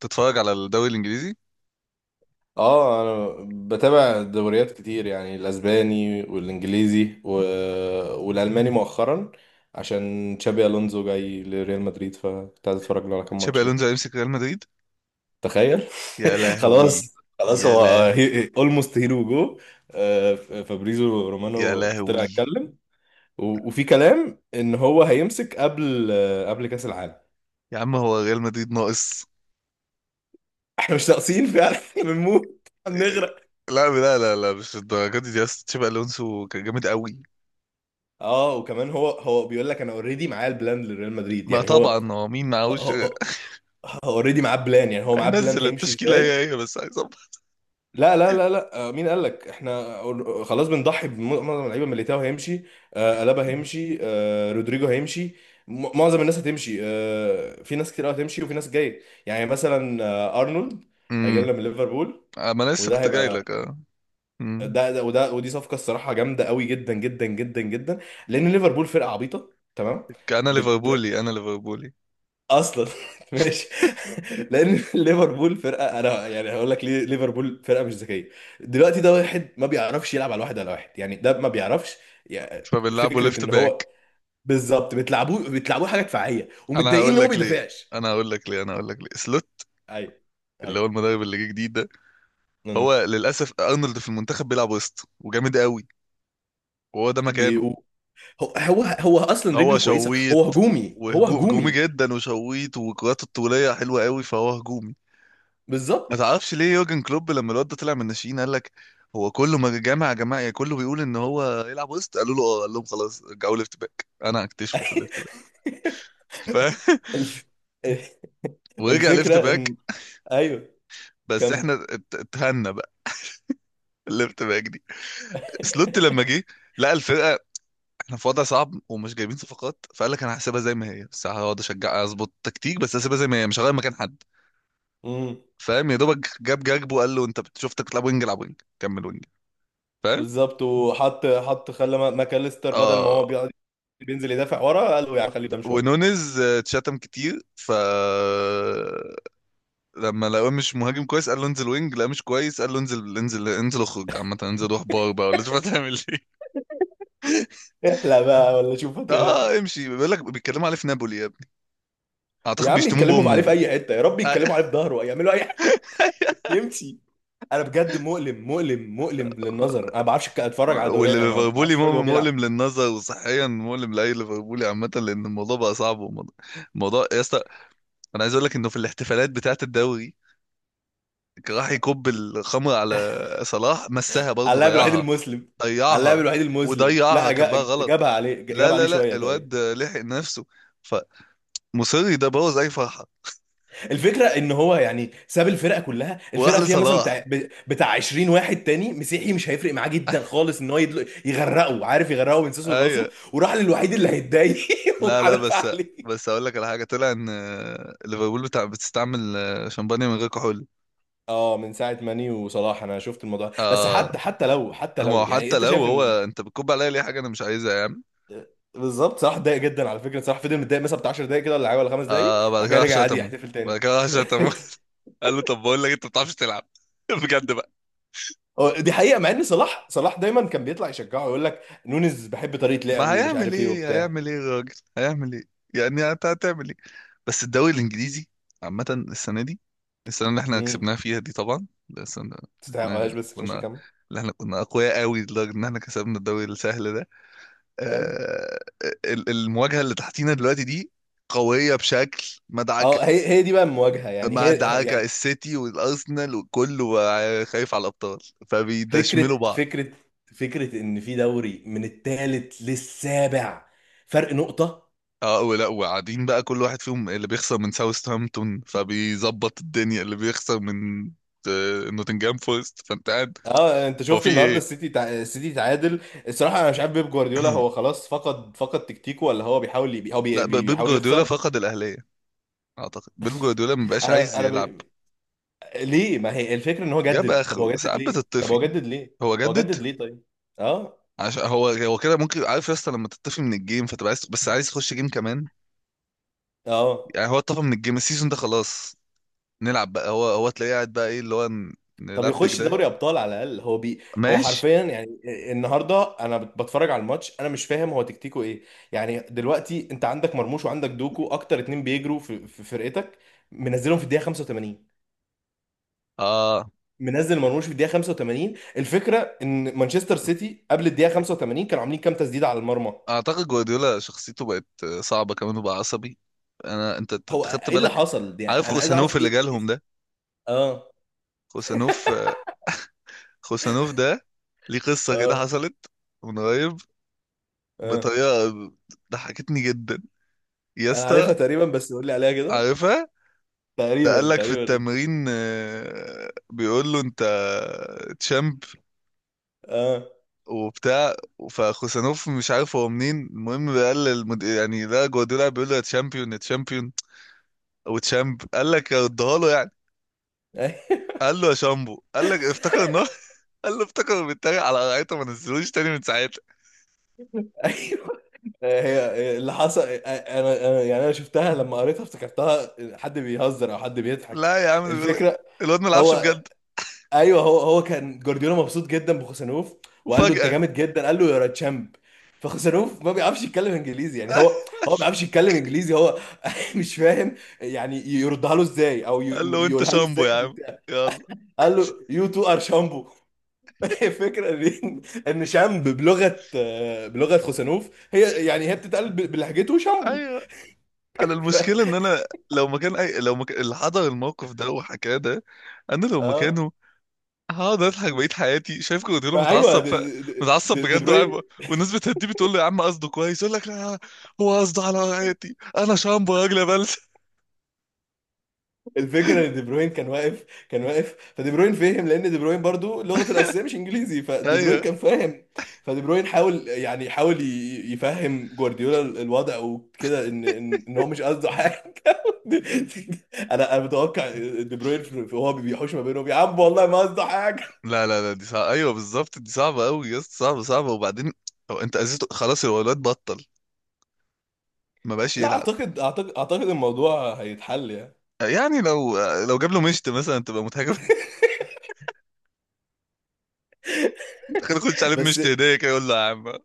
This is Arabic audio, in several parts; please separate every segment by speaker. Speaker 1: تتفرج على الدوري الانجليزي؟
Speaker 2: اه، انا بتابع دوريات كتير، يعني الاسباني والانجليزي و... والالماني مؤخرا، عشان تشابي الونزو جاي لريال مدريد، فكنت عايز اتفرج له على كام ماتش
Speaker 1: تشابي
Speaker 2: كده.
Speaker 1: الونزو هيمسك ريال مدريد؟
Speaker 2: تخيل.
Speaker 1: يا لهوي.
Speaker 2: خلاص خلاص،
Speaker 1: يا
Speaker 2: هو
Speaker 1: لا.
Speaker 2: اولموست هيرو جو. فابريزو
Speaker 1: يا
Speaker 2: رومانو طلع
Speaker 1: لهوي.
Speaker 2: اتكلم، و... وفي كلام ان هو هيمسك قبل، قبل كاس العالم.
Speaker 1: يا عم، هو ريال مدريد ناقص؟
Speaker 2: احنا مش ناقصين فعلا. احنا بنموت بنغرق.
Speaker 1: لا لا لا لا، مش الدرجه دي يا اسطى، تشابي الونسو كان جامد قوي.
Speaker 2: اه، وكمان هو بيقول لك انا اوريدي معايا البلان لريال مدريد،
Speaker 1: ما
Speaker 2: يعني هو.
Speaker 1: طبعا، هو مين معهوش؟
Speaker 2: هو اوريدي معاه بلان، يعني هو معاه بلان
Speaker 1: هينزل
Speaker 2: هيمشي
Speaker 1: التشكيله
Speaker 2: ازاي.
Speaker 1: هي هي، بس عايز أبقى.
Speaker 2: لا لا لا لا، مين قال لك احنا خلاص، بنضحي بمعظم اللعيبه. ميليتاو هيمشي، الابا هيمشي، رودريجو هيمشي، معظم الناس هتمشي. في ناس كتير قوي هتمشي وفي ناس جايه. يعني مثلا ارنولد هيجي
Speaker 1: امم.
Speaker 2: لنا من ليفربول.
Speaker 1: ما أنا لسه
Speaker 2: وده
Speaker 1: كنت جاي
Speaker 2: هيبقى
Speaker 1: لك، اه. امم.
Speaker 2: ده، وده، ودي صفقه. الصراحه جامده قوي، جدا جدا جدا جدا، لان ليفربول فرقه عبيطه تمام
Speaker 1: انا ليفربولي، انا ليفربولي.
Speaker 2: اصلا. ماشي. لان ليفربول فرقه، انا يعني هقول لك ليه ليفربول فرقه مش ذكيه. دلوقتي ده واحد ما بيعرفش يلعب على واحد على واحد، يعني ده ما بيعرفش، يعني.
Speaker 1: فبنلعبه
Speaker 2: فكره
Speaker 1: ليفت
Speaker 2: ان هو
Speaker 1: باك.
Speaker 2: بالظبط بتلعبوه بتلعبوه حاجه دفاعيه،
Speaker 1: انا
Speaker 2: ومتضايقين ان
Speaker 1: هقول
Speaker 2: هو ما
Speaker 1: لك ليه
Speaker 2: بيدافعش.
Speaker 1: انا هقول لك ليه سلوت،
Speaker 2: ايوه،
Speaker 1: اللي
Speaker 2: ايوه.
Speaker 1: هو المدرب اللي جه جديد ده.
Speaker 2: أمم.
Speaker 1: هو للاسف ارنولد في المنتخب بيلعب وسط، وجامد قوي، وهو ده مكانه.
Speaker 2: بيقو هو اصلا
Speaker 1: هو
Speaker 2: رجله كويسه، هو
Speaker 1: شويت،
Speaker 2: هجومي، هو
Speaker 1: وهجوم هجومي
Speaker 2: هجومي.
Speaker 1: جدا، وشويت، وكرات الطوليه حلوه قوي، فهو هجومي.
Speaker 2: بالظبط.
Speaker 1: ما تعرفش ليه يورجن كلوب لما الواد ده طلع من الناشئين قال لك هو كله ما جامع يا جماعه؟ يعني كله بيقول ان هو يلعب وسط، قالوا له اه، قال لهم خلاص رجعوا ليفت باك، انا هكتشفه في الليفت باك. ف
Speaker 2: الف...
Speaker 1: ورجع ليفت
Speaker 2: الفكره
Speaker 1: باك.
Speaker 2: ان، ايوه،
Speaker 1: بس
Speaker 2: كم.
Speaker 1: احنا اتهنا بقى. الليفت باك دي، سلوت لما جه لقى الفرقه احنا في وضع صعب ومش جايبين صفقات، فقال لك انا هسيبها زي ما هي، بس هقعد اشجع اظبط تكتيك، بس هسيبها زي ما هي، مش هغير مكان حد. فاهم يا دوبك؟ جاب جاكبو وقال له انت شفتك بتلعب وينج، العب وينج، كمل وينج. فاهم؟
Speaker 2: بالظبط. وحط خلى ماكاليستر بدل ما
Speaker 1: اه.
Speaker 2: هو بيقعد بينزل يدافع ورا، قال له يعني خليه قدام شويه.
Speaker 1: ونونز اتشتم كتير، ف لما لقوه مش مهاجم كويس، قال له انزل وينج، لا مش كويس، قال له انزل انزل انزل، اخرج عامه، انزل روح بار بقى ولا شوف هتعمل ايه.
Speaker 2: احلى بقى، ولا شوف
Speaker 1: اه، امشي، بيقول لك بيتكلموا عليه في نابولي يا ابني،
Speaker 2: يا
Speaker 1: اعتقد
Speaker 2: عم،
Speaker 1: بيشتموه
Speaker 2: يتكلموا عليه في
Speaker 1: بامه.
Speaker 2: اي حته، يا رب
Speaker 1: آه،
Speaker 2: يتكلموا عليه في ظهره، يعملوا اي حاجه يمشي. انا بجد مؤلم مؤلم مؤلم للنظر. انا ما بعرفش اتفرج على دوري،
Speaker 1: واللي
Speaker 2: يعني ما بعرفش
Speaker 1: ليفربولي
Speaker 2: اتفرج وهو
Speaker 1: مؤلم مؤلم
Speaker 2: بيلعب.
Speaker 1: للنظر، وصحيا مؤلم لاي ليفربولي عامه، لان الموضوع بقى صعب، الموضوع يا اسطى، انا عايز اقول لك انه في الاحتفالات بتاعه الدوري، كان راح يكب الخمر على صلاح، مسها
Speaker 2: على
Speaker 1: برضه،
Speaker 2: اللاعب الوحيد
Speaker 1: ضيعها.
Speaker 2: المسلم. على اللاعب
Speaker 1: ضيعها.
Speaker 2: الوحيد المسلم،
Speaker 1: وضيعها،
Speaker 2: لا
Speaker 1: كبها غلط.
Speaker 2: جابها عليه،
Speaker 1: لا
Speaker 2: جابها عليه
Speaker 1: لا لا،
Speaker 2: شويه تقريبا.
Speaker 1: الواد لحق نفسه، فمصري ده بوظ اي فرحه.
Speaker 2: الفكره ان هو يعني ساب الفرقه كلها،
Speaker 1: وراح
Speaker 2: الفرقه فيها مثلا
Speaker 1: لصلاح،
Speaker 2: بتاع بتاع 20 واحد تاني مسيحي، مش هيفرق معاه جدا خالص ان هو يغرقه، عارف، يغرقه من سيسو
Speaker 1: ايوه.
Speaker 2: لراسه، وراح للوحيد اللي هيتضايق.
Speaker 1: لا لا،
Speaker 2: وحدف
Speaker 1: بس
Speaker 2: عليه.
Speaker 1: بس اقول لك على حاجه طلع ان ليفربول بتاع بتستعمل شمبانيا من غير كحول.
Speaker 2: اه، من ساعه ماني وصلاح انا شفت الموضوع ده. بس
Speaker 1: اه،
Speaker 2: حتى لو،
Speaker 1: هو
Speaker 2: يعني،
Speaker 1: حتى
Speaker 2: انت
Speaker 1: لو
Speaker 2: شايف
Speaker 1: هو،
Speaker 2: ان
Speaker 1: انت بتكب عليا ليه حاجه انا مش عايزها يا عم؟
Speaker 2: بالظبط. صلاح اتضايق جدا على فكره، صلاح فضل متضايق مثلا بتاع 10 دقايق كده ولا حاجه، ولا 5 دقايق،
Speaker 1: آه، بعد
Speaker 2: وبعد
Speaker 1: كده
Speaker 2: كده
Speaker 1: راح
Speaker 2: رجع عادي
Speaker 1: شتمه.
Speaker 2: يحتفل
Speaker 1: بعد
Speaker 2: تاني.
Speaker 1: كده راح شتمه. قال له طب بقول لك، انت ما بتعرفش تلعب. بجد بقى.
Speaker 2: هو دي حقيقه، مع ان صلاح دايما كان بيطلع يشجعه، يقول لك نونز بحب طريقه لعبه
Speaker 1: ما
Speaker 2: ومش
Speaker 1: هيعمل
Speaker 2: عارف ايه
Speaker 1: ايه،
Speaker 2: وبتاع.
Speaker 1: هيعمل ايه الراجل، هيعمل ايه؟ يعني انت هتعمل ايه؟ بس الدوري الانجليزي عامه السنه دي، السنه اللي احنا كسبناها فيها دي، طبعا ده السنه اللي
Speaker 2: تستحقهاش،
Speaker 1: احنا
Speaker 2: بس ماشي
Speaker 1: كنا
Speaker 2: كمل.
Speaker 1: اللي احنا كنا اقوياء قوي لدرجه ان احنا كسبنا الدوري السهل ده.
Speaker 2: ايوه.
Speaker 1: آه. المواجهه اللي تحتينا دلوقتي دي قويه بشكل مدعك.
Speaker 2: اه، هي دي بقى المواجهه، يعني
Speaker 1: ما
Speaker 2: هي،
Speaker 1: دعاك
Speaker 2: يعني.
Speaker 1: السيتي والارسنال، وكله بقى خايف على الابطال، فبيدشملوا
Speaker 2: فكره
Speaker 1: بعض.
Speaker 2: فكره فكره ان في دوري من الثالث للسابع فرق نقطه.
Speaker 1: اه، ولا وقاعدين بقى، كل واحد فيهم، اللي بيخسر من ساوثهامبتون فبيظبط الدنيا، اللي بيخسر من نوتنجهام فورست، فانت قاعد.
Speaker 2: اه، انت
Speaker 1: هو
Speaker 2: شفت
Speaker 1: في
Speaker 2: النهارده
Speaker 1: ايه؟
Speaker 2: السيتي السيتي تعادل؟ الصراحه انا مش عارف بيب جوارديولا، هو خلاص فقد تكتيكه، ولا هو بيحاول ي... هو بي...
Speaker 1: لا،
Speaker 2: بي-
Speaker 1: بيب
Speaker 2: بيحاول
Speaker 1: جوارديولا
Speaker 2: يخسر.
Speaker 1: فقد الاهليه. اعتقد بيب جوارديولا ما بقاش عايز
Speaker 2: انا
Speaker 1: يلعب.
Speaker 2: ليه؟ ما هي الفكره ان هو
Speaker 1: جاب
Speaker 2: جدد. طب
Speaker 1: اخره،
Speaker 2: هو جدد
Speaker 1: ساعات
Speaker 2: ليه؟ طب هو
Speaker 1: بتطفي.
Speaker 2: جدد ليه؟
Speaker 1: هو
Speaker 2: هو
Speaker 1: جدد
Speaker 2: جدد ليه طيب؟ اه،
Speaker 1: عشان هو كده ممكن، عارف يا اسطى، لما تطفي من الجيم فتبقى عايز، بس عايز تخش جيم كمان.
Speaker 2: اه.
Speaker 1: يعني هو اتطفى من الجيم السيزون ده، خلاص نلعب بقى، هو تلاقيه قاعد بقى، ايه اللي هو
Speaker 2: طب
Speaker 1: نلبك
Speaker 2: يخش
Speaker 1: ده؟
Speaker 2: دوري ابطال على الاقل. هو
Speaker 1: ماشي.
Speaker 2: حرفيا يعني. النهارده انا بتفرج على الماتش، انا مش فاهم هو تكتيكه ايه. يعني دلوقتي انت عندك مرموش وعندك دوكو، اكتر اتنين بيجروا في فرقتك، منزلهم في الدقيقه 85،
Speaker 1: اه.
Speaker 2: منزل مرموش في الدقيقه 85. الفكره ان مانشستر سيتي قبل الدقيقه 85 كانوا عاملين كام تسديده على المرمى؟
Speaker 1: اعتقد جوارديولا شخصيته بقت صعبة كمان، وبقى عصبي. انا، أنت
Speaker 2: هو
Speaker 1: خدت
Speaker 2: ايه اللي
Speaker 1: بالك؟
Speaker 2: حصل
Speaker 1: عارف
Speaker 2: يعني، انا عايز اعرف
Speaker 1: خوسانوف اللي جالهم ده؟
Speaker 2: اه،
Speaker 1: خوسانوف، خوسانوف ده، ليه قصة كده
Speaker 2: اه،
Speaker 1: حصلت من قريب،
Speaker 2: اه.
Speaker 1: بطريقة ضحكتني جدا يا
Speaker 2: انا
Speaker 1: اسطى؟
Speaker 2: عارفها تقريبا، بس قول لي عليها كده.
Speaker 1: عارفها؟ ده قال
Speaker 2: تقريبا
Speaker 1: لك في
Speaker 2: تقريبا.
Speaker 1: التمرين بيقول له انت تشامب
Speaker 2: اه.
Speaker 1: وبتاع، فخوسانوف مش عارف هو منين، المهم قال يعني ده جوارديولا بيقول له يا تشامبيون يا تشامبيون، او تشامب، قال لك اديها له يعني. قال له يا شامبو، قال لك افتكر ان هو، قال له افتكر بيتريق على قرايته، ما نزلوش تاني من ساعتها.
Speaker 2: ايوه، هي هي اللي حصل. انا يعني انا شفتها لما قريتها افتكرتها حد بيهزر او حد بيضحك.
Speaker 1: لا يا عم، ده بيقول لك
Speaker 2: الفكره
Speaker 1: الواد ما لعبش
Speaker 2: هو،
Speaker 1: بجد.
Speaker 2: ايوه، هو كان جوارديولا مبسوط جدا بخوسانوف، وقال له انت
Speaker 1: وفجأة،
Speaker 2: جامد جدا، قال له يا تشامب. فخوسانوف ما بيعرفش يتكلم انجليزي، يعني هو ما بيعرفش يتكلم انجليزي. هو مش فاهم يعني يردها له ازاي، او
Speaker 1: قال له انت
Speaker 2: يقولها له
Speaker 1: شامبو
Speaker 2: ازاي
Speaker 1: يا عم.
Speaker 2: بتاع.
Speaker 1: يلا.
Speaker 2: قال له يو تو ار شامبو. الفكره ان شامب بلغه، بلغه خوسانوف، هي يعني هي بتتقال بلهجته شامبو.
Speaker 1: ايوه. انا
Speaker 2: ف...
Speaker 1: المشكلة ان انا لو مكان اللي حضر الموقف ده وحكاه ده، انا لو
Speaker 2: اه.
Speaker 1: مكانه هقعد اضحك بقيت حياتي. شايف كروتيلو
Speaker 2: ما ايوه،
Speaker 1: متعصب، متعصب
Speaker 2: دي
Speaker 1: بجد، وقاعد
Speaker 2: بروين.
Speaker 1: والناس بتهديه، بتقول له يا عم قصده كويس، يقول لك لا، هو قصده، على حياتي انا شامبو يا راجل يا بلد.
Speaker 2: الفكره ان دي بروين كان واقف، فدي بروين فهم، لان دي بروين برضو لغته الاساسيه مش انجليزي، فدي بروين
Speaker 1: ايوه.
Speaker 2: كان فاهم. فدي بروين حاول، يعني حاول يفهم جوارديولا الوضع وكده، ان ان إن هو مش قصده حاجه. انا متوقع دي بروين وهو بيحوش ما بينهم، يا عم والله ما قصده حاجه.
Speaker 1: لا لا لا، دي صعبة، ايوه بالظبط، دي صعبة قوي يا اسطى، صعبة صعبة. وبعدين هو انت اذيته خلاص، هو الواد بطل، ما بقاش
Speaker 2: لا،
Speaker 1: يلعب.
Speaker 2: اعتقد الموضوع هيتحل يعني.
Speaker 1: يعني لو لو جاب له مشت مثلا تبقى مضحكة. تخيل يخش عليه
Speaker 2: بس
Speaker 1: مشت هدية كده، يقول له يا عم. اه.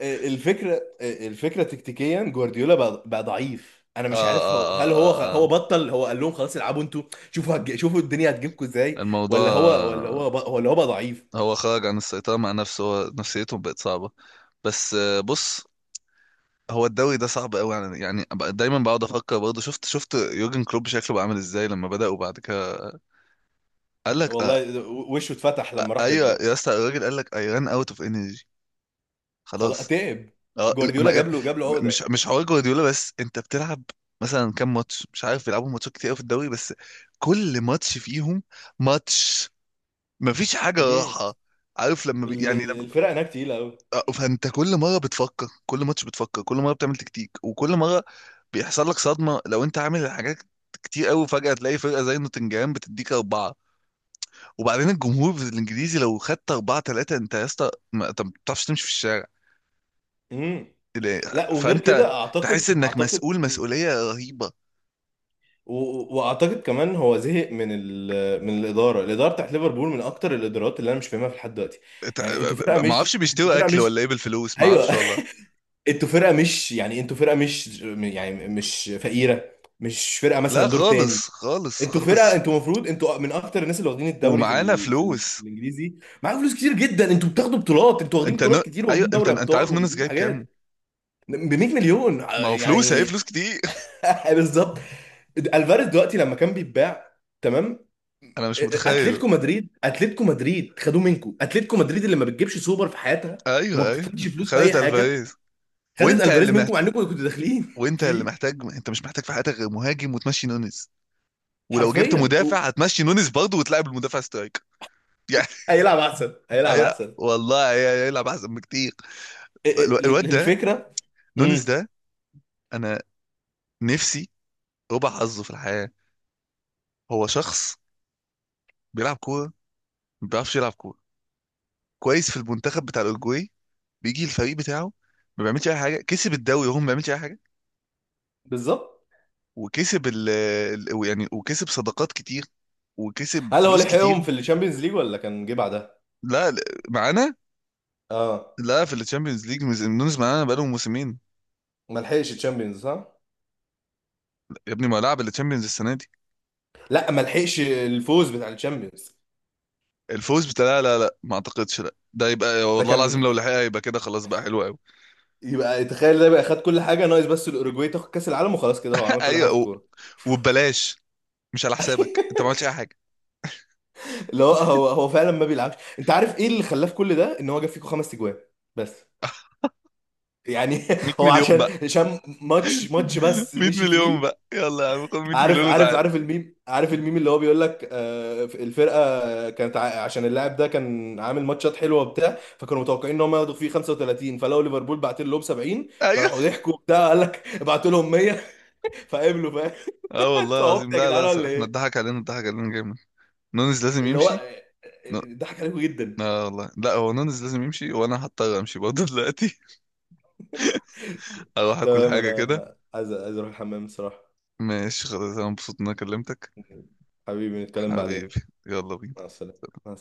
Speaker 2: الفكره تكتيكيا، جوارديولا بقى ضعيف. انا
Speaker 1: اه
Speaker 2: مش عارف
Speaker 1: اه
Speaker 2: هو،
Speaker 1: اه.
Speaker 2: هو
Speaker 1: اه.
Speaker 2: بطل، هو قال لهم خلاص العبوا انتوا، شوفوا الدنيا هتجيبكم ازاي،
Speaker 1: الموضوع،
Speaker 2: ولا هو بقى ضعيف.
Speaker 1: هو خرج عن السيطرة مع نفسه، هو نفسيته بقت صعبة. بس بص، هو الدوري ده صعب قوي، يعني أبقى دايما بقعد افكر برضه، شفت يورجن كلوب شكله بقى عامل ازاي لما بدأ وبعد كده، قال لك آه.
Speaker 2: والله وشه اتفتح لما راح ريد
Speaker 1: ايوه
Speaker 2: بول.
Speaker 1: يا اسطى، الراجل قال لك اي ران اوت اوف انرجي.
Speaker 2: خلاص
Speaker 1: خلاص.
Speaker 2: تعب.
Speaker 1: اه، لا،
Speaker 2: جوارديولا
Speaker 1: ما،
Speaker 2: جاب له
Speaker 1: مش
Speaker 2: عقده.
Speaker 1: مش حوار جوارديولا، بس انت بتلعب مثلا كام ماتش، مش عارف بيلعبوا ماتشات كتير قوي في الدوري، بس كل ماتش فيهم ماتش، مفيش حاجة
Speaker 2: امم
Speaker 1: راحة. عارف لما يعني،
Speaker 2: الفرق هناك تقيله قوي.
Speaker 1: فانت كل مره بتفكر، كل ماتش بتفكر، كل مره بتعمل تكتيك، وكل مره بيحصل لك صدمه لو انت عامل حاجات كتير قوي، فجاه تلاقي فرقه زي نوتنجهام بتديك اربعه. وبعدين الجمهور الانجليزي، لو خدت اربعه ثلاثه انت يا اسطى، ما انت ما بتعرفش تمشي في الشارع.
Speaker 2: امم
Speaker 1: لا،
Speaker 2: لا، وغير
Speaker 1: فانت
Speaker 2: كده اعتقد
Speaker 1: تحس انك
Speaker 2: اعتقد
Speaker 1: مسؤول مسؤوليه رهيبه.
Speaker 2: واعتقد كمان هو زهق من من الاداره بتاعت ليفربول، من اكتر الادارات اللي انا مش فاهمها في لحد دلوقتي. يعني انتوا فرقه
Speaker 1: ت- ما اعرفش
Speaker 2: مش، انتوا
Speaker 1: بيشتروا
Speaker 2: فرقه
Speaker 1: اكل
Speaker 2: مش.
Speaker 1: ولا ايه بالفلوس، ما
Speaker 2: ايوه.
Speaker 1: اعرفش والله.
Speaker 2: انتوا فرقه مش، يعني انتوا فرقه مش، يعني مش فقيره، مش فرقه
Speaker 1: لا
Speaker 2: مثلا دور تاني.
Speaker 1: خالص خالص
Speaker 2: انتوا
Speaker 1: خالص.
Speaker 2: فرقه، انتوا المفروض انتوا من اكتر الناس اللي واخدين الدوري في
Speaker 1: ومعانا فلوس.
Speaker 2: في الانجليزي. معاكم فلوس كتير جدا، انتوا بتاخدوا بطولات، انتوا واخدين
Speaker 1: انت ن...
Speaker 2: بطولات كتير،
Speaker 1: ايوه،
Speaker 2: واخدين
Speaker 1: انت
Speaker 2: دوري
Speaker 1: انت
Speaker 2: ابطال،
Speaker 1: عارف نونس
Speaker 2: واخدين
Speaker 1: جايب كام؟
Speaker 2: حاجات ب 100 مليون،
Speaker 1: ما هو فلوس، هي
Speaker 2: يعني.
Speaker 1: فلوس كتير.
Speaker 2: بالظبط. الفاريز دلوقتي لما كان بيتباع، تمام.
Speaker 1: انا مش متخيل.
Speaker 2: اتلتيكو مدريد، اتلتيكو مدريد خدوه منكم، اتلتيكو مدريد اللي ما بتجيبش سوبر في حياتها، وما
Speaker 1: ايوه ايوه.
Speaker 2: بتدفعش فلوس باي
Speaker 1: خدت
Speaker 2: حاجه،
Speaker 1: الفاريز.
Speaker 2: خدت
Speaker 1: وانت
Speaker 2: الفاريز
Speaker 1: اللي
Speaker 2: منكم
Speaker 1: محت...
Speaker 2: مع انكم كنتوا داخلين
Speaker 1: وانت اللي
Speaker 2: فيه
Speaker 1: محتاج، انت مش محتاج في حياتك غير مهاجم، وتمشي نونيز، ولو جبت
Speaker 2: حرفيا.
Speaker 1: مدافع هتمشي نونيز برضه، وتلعب المدافع سترايك. يعني،
Speaker 2: هيلعب احسن، هيلعب احسن.
Speaker 1: والله، هيلعب احسن بكتير.
Speaker 2: إيه،
Speaker 1: الواد ده،
Speaker 2: الفكره.
Speaker 1: نونيز
Speaker 2: امم
Speaker 1: ده، انا نفسي ربع حظه في الحياه. هو شخص بيلعب كوره، ما بيعرفش يلعب كوره كويس، في المنتخب بتاع الاورجواي بيجي الفريق بتاعه ما بيعملش اي حاجه، كسب الدوري وهو ما بيعملش اي حاجه،
Speaker 2: بالظبط.
Speaker 1: وكسب يعني وكسب صداقات كتير، وكسب
Speaker 2: هل هو
Speaker 1: فلوس كتير.
Speaker 2: لحقهم في الشامبيونز ليج، ولا كان جه بعدها؟
Speaker 1: لا لا، معانا.
Speaker 2: اه.
Speaker 1: لا، في الشامبيونز ليج نونز معانا بقالهم موسمين.
Speaker 2: ما لحقش الشامبيونز، صح؟
Speaker 1: يا ابني ما لعب الشامبيونز السنه دي.
Speaker 2: لا، ما لحقش الفوز بتاع الشامبيونز.
Speaker 1: الفوز بتاع لا لا لا، ما اعتقدش، لا، ده يبقى
Speaker 2: ده
Speaker 1: والله العظيم
Speaker 2: كان،
Speaker 1: لو لحقها يبقى كده خلاص، بقى حلو قوي.
Speaker 2: يبقى تخيل، ده بقى خد كل حاجه، ناقص بس الاوروجواي تاخد كاس العالم، وخلاص كده هو عمل كل حاجه
Speaker 1: ايوه،
Speaker 2: في الكوره.
Speaker 1: وببلاش، مش على حسابك، انت ما عملتش اي حاجه.
Speaker 2: لا هو، هو فعلا ما بيلعبش. انت عارف ايه اللي خلاه في كل ده؟ ان هو جاب فيكو خمس اجوان، بس، يعني.
Speaker 1: 100
Speaker 2: هو
Speaker 1: مليون بقى.
Speaker 2: عشان ماتش ماتش بس
Speaker 1: 100
Speaker 2: مشي
Speaker 1: مليون
Speaker 2: فيه.
Speaker 1: بقى، يلا يا عم خد 100
Speaker 2: عارف
Speaker 1: مليون
Speaker 2: عارف
Speaker 1: وتعال.
Speaker 2: عارف الميم، عارف الميم اللي هو بيقول لك، الفرقه كانت عشان اللاعب ده كان عامل ماتشات حلوه وبتاع، فكانوا متوقعين ان هم ياخدوا فيه 35، فلقوا ليفربول بعت لهم 70،
Speaker 1: ايوه.
Speaker 2: فراحوا ضحكوا وبتاع، قال لك ابعتوا لهم 100، فقبلوا. فاهم؟
Speaker 1: اه والله
Speaker 2: انتوا عبط
Speaker 1: العظيم،
Speaker 2: يا
Speaker 1: لا
Speaker 2: جدعان
Speaker 1: لا،
Speaker 2: ولا
Speaker 1: احنا
Speaker 2: ايه؟
Speaker 1: اتضحك علينا، اتضحك علينا جامد. نونز لازم
Speaker 2: اللي هو،
Speaker 1: يمشي. ن-
Speaker 2: ضحك عليكم جدا.
Speaker 1: اه والله، لا، هو نونز لازم يمشي، وانا هضطر امشي برضه دلوقتي. اروح اكل
Speaker 2: تمام،
Speaker 1: حاجه كده.
Speaker 2: انا عايز اروح الحمام بصراحة.
Speaker 1: ماشي، خلاص، انا مبسوط ان انا كلمتك.
Speaker 2: حبيبي، نتكلم بعدين.
Speaker 1: حبيبي. يلا بينا.
Speaker 2: مع السلامة، مع السلامة.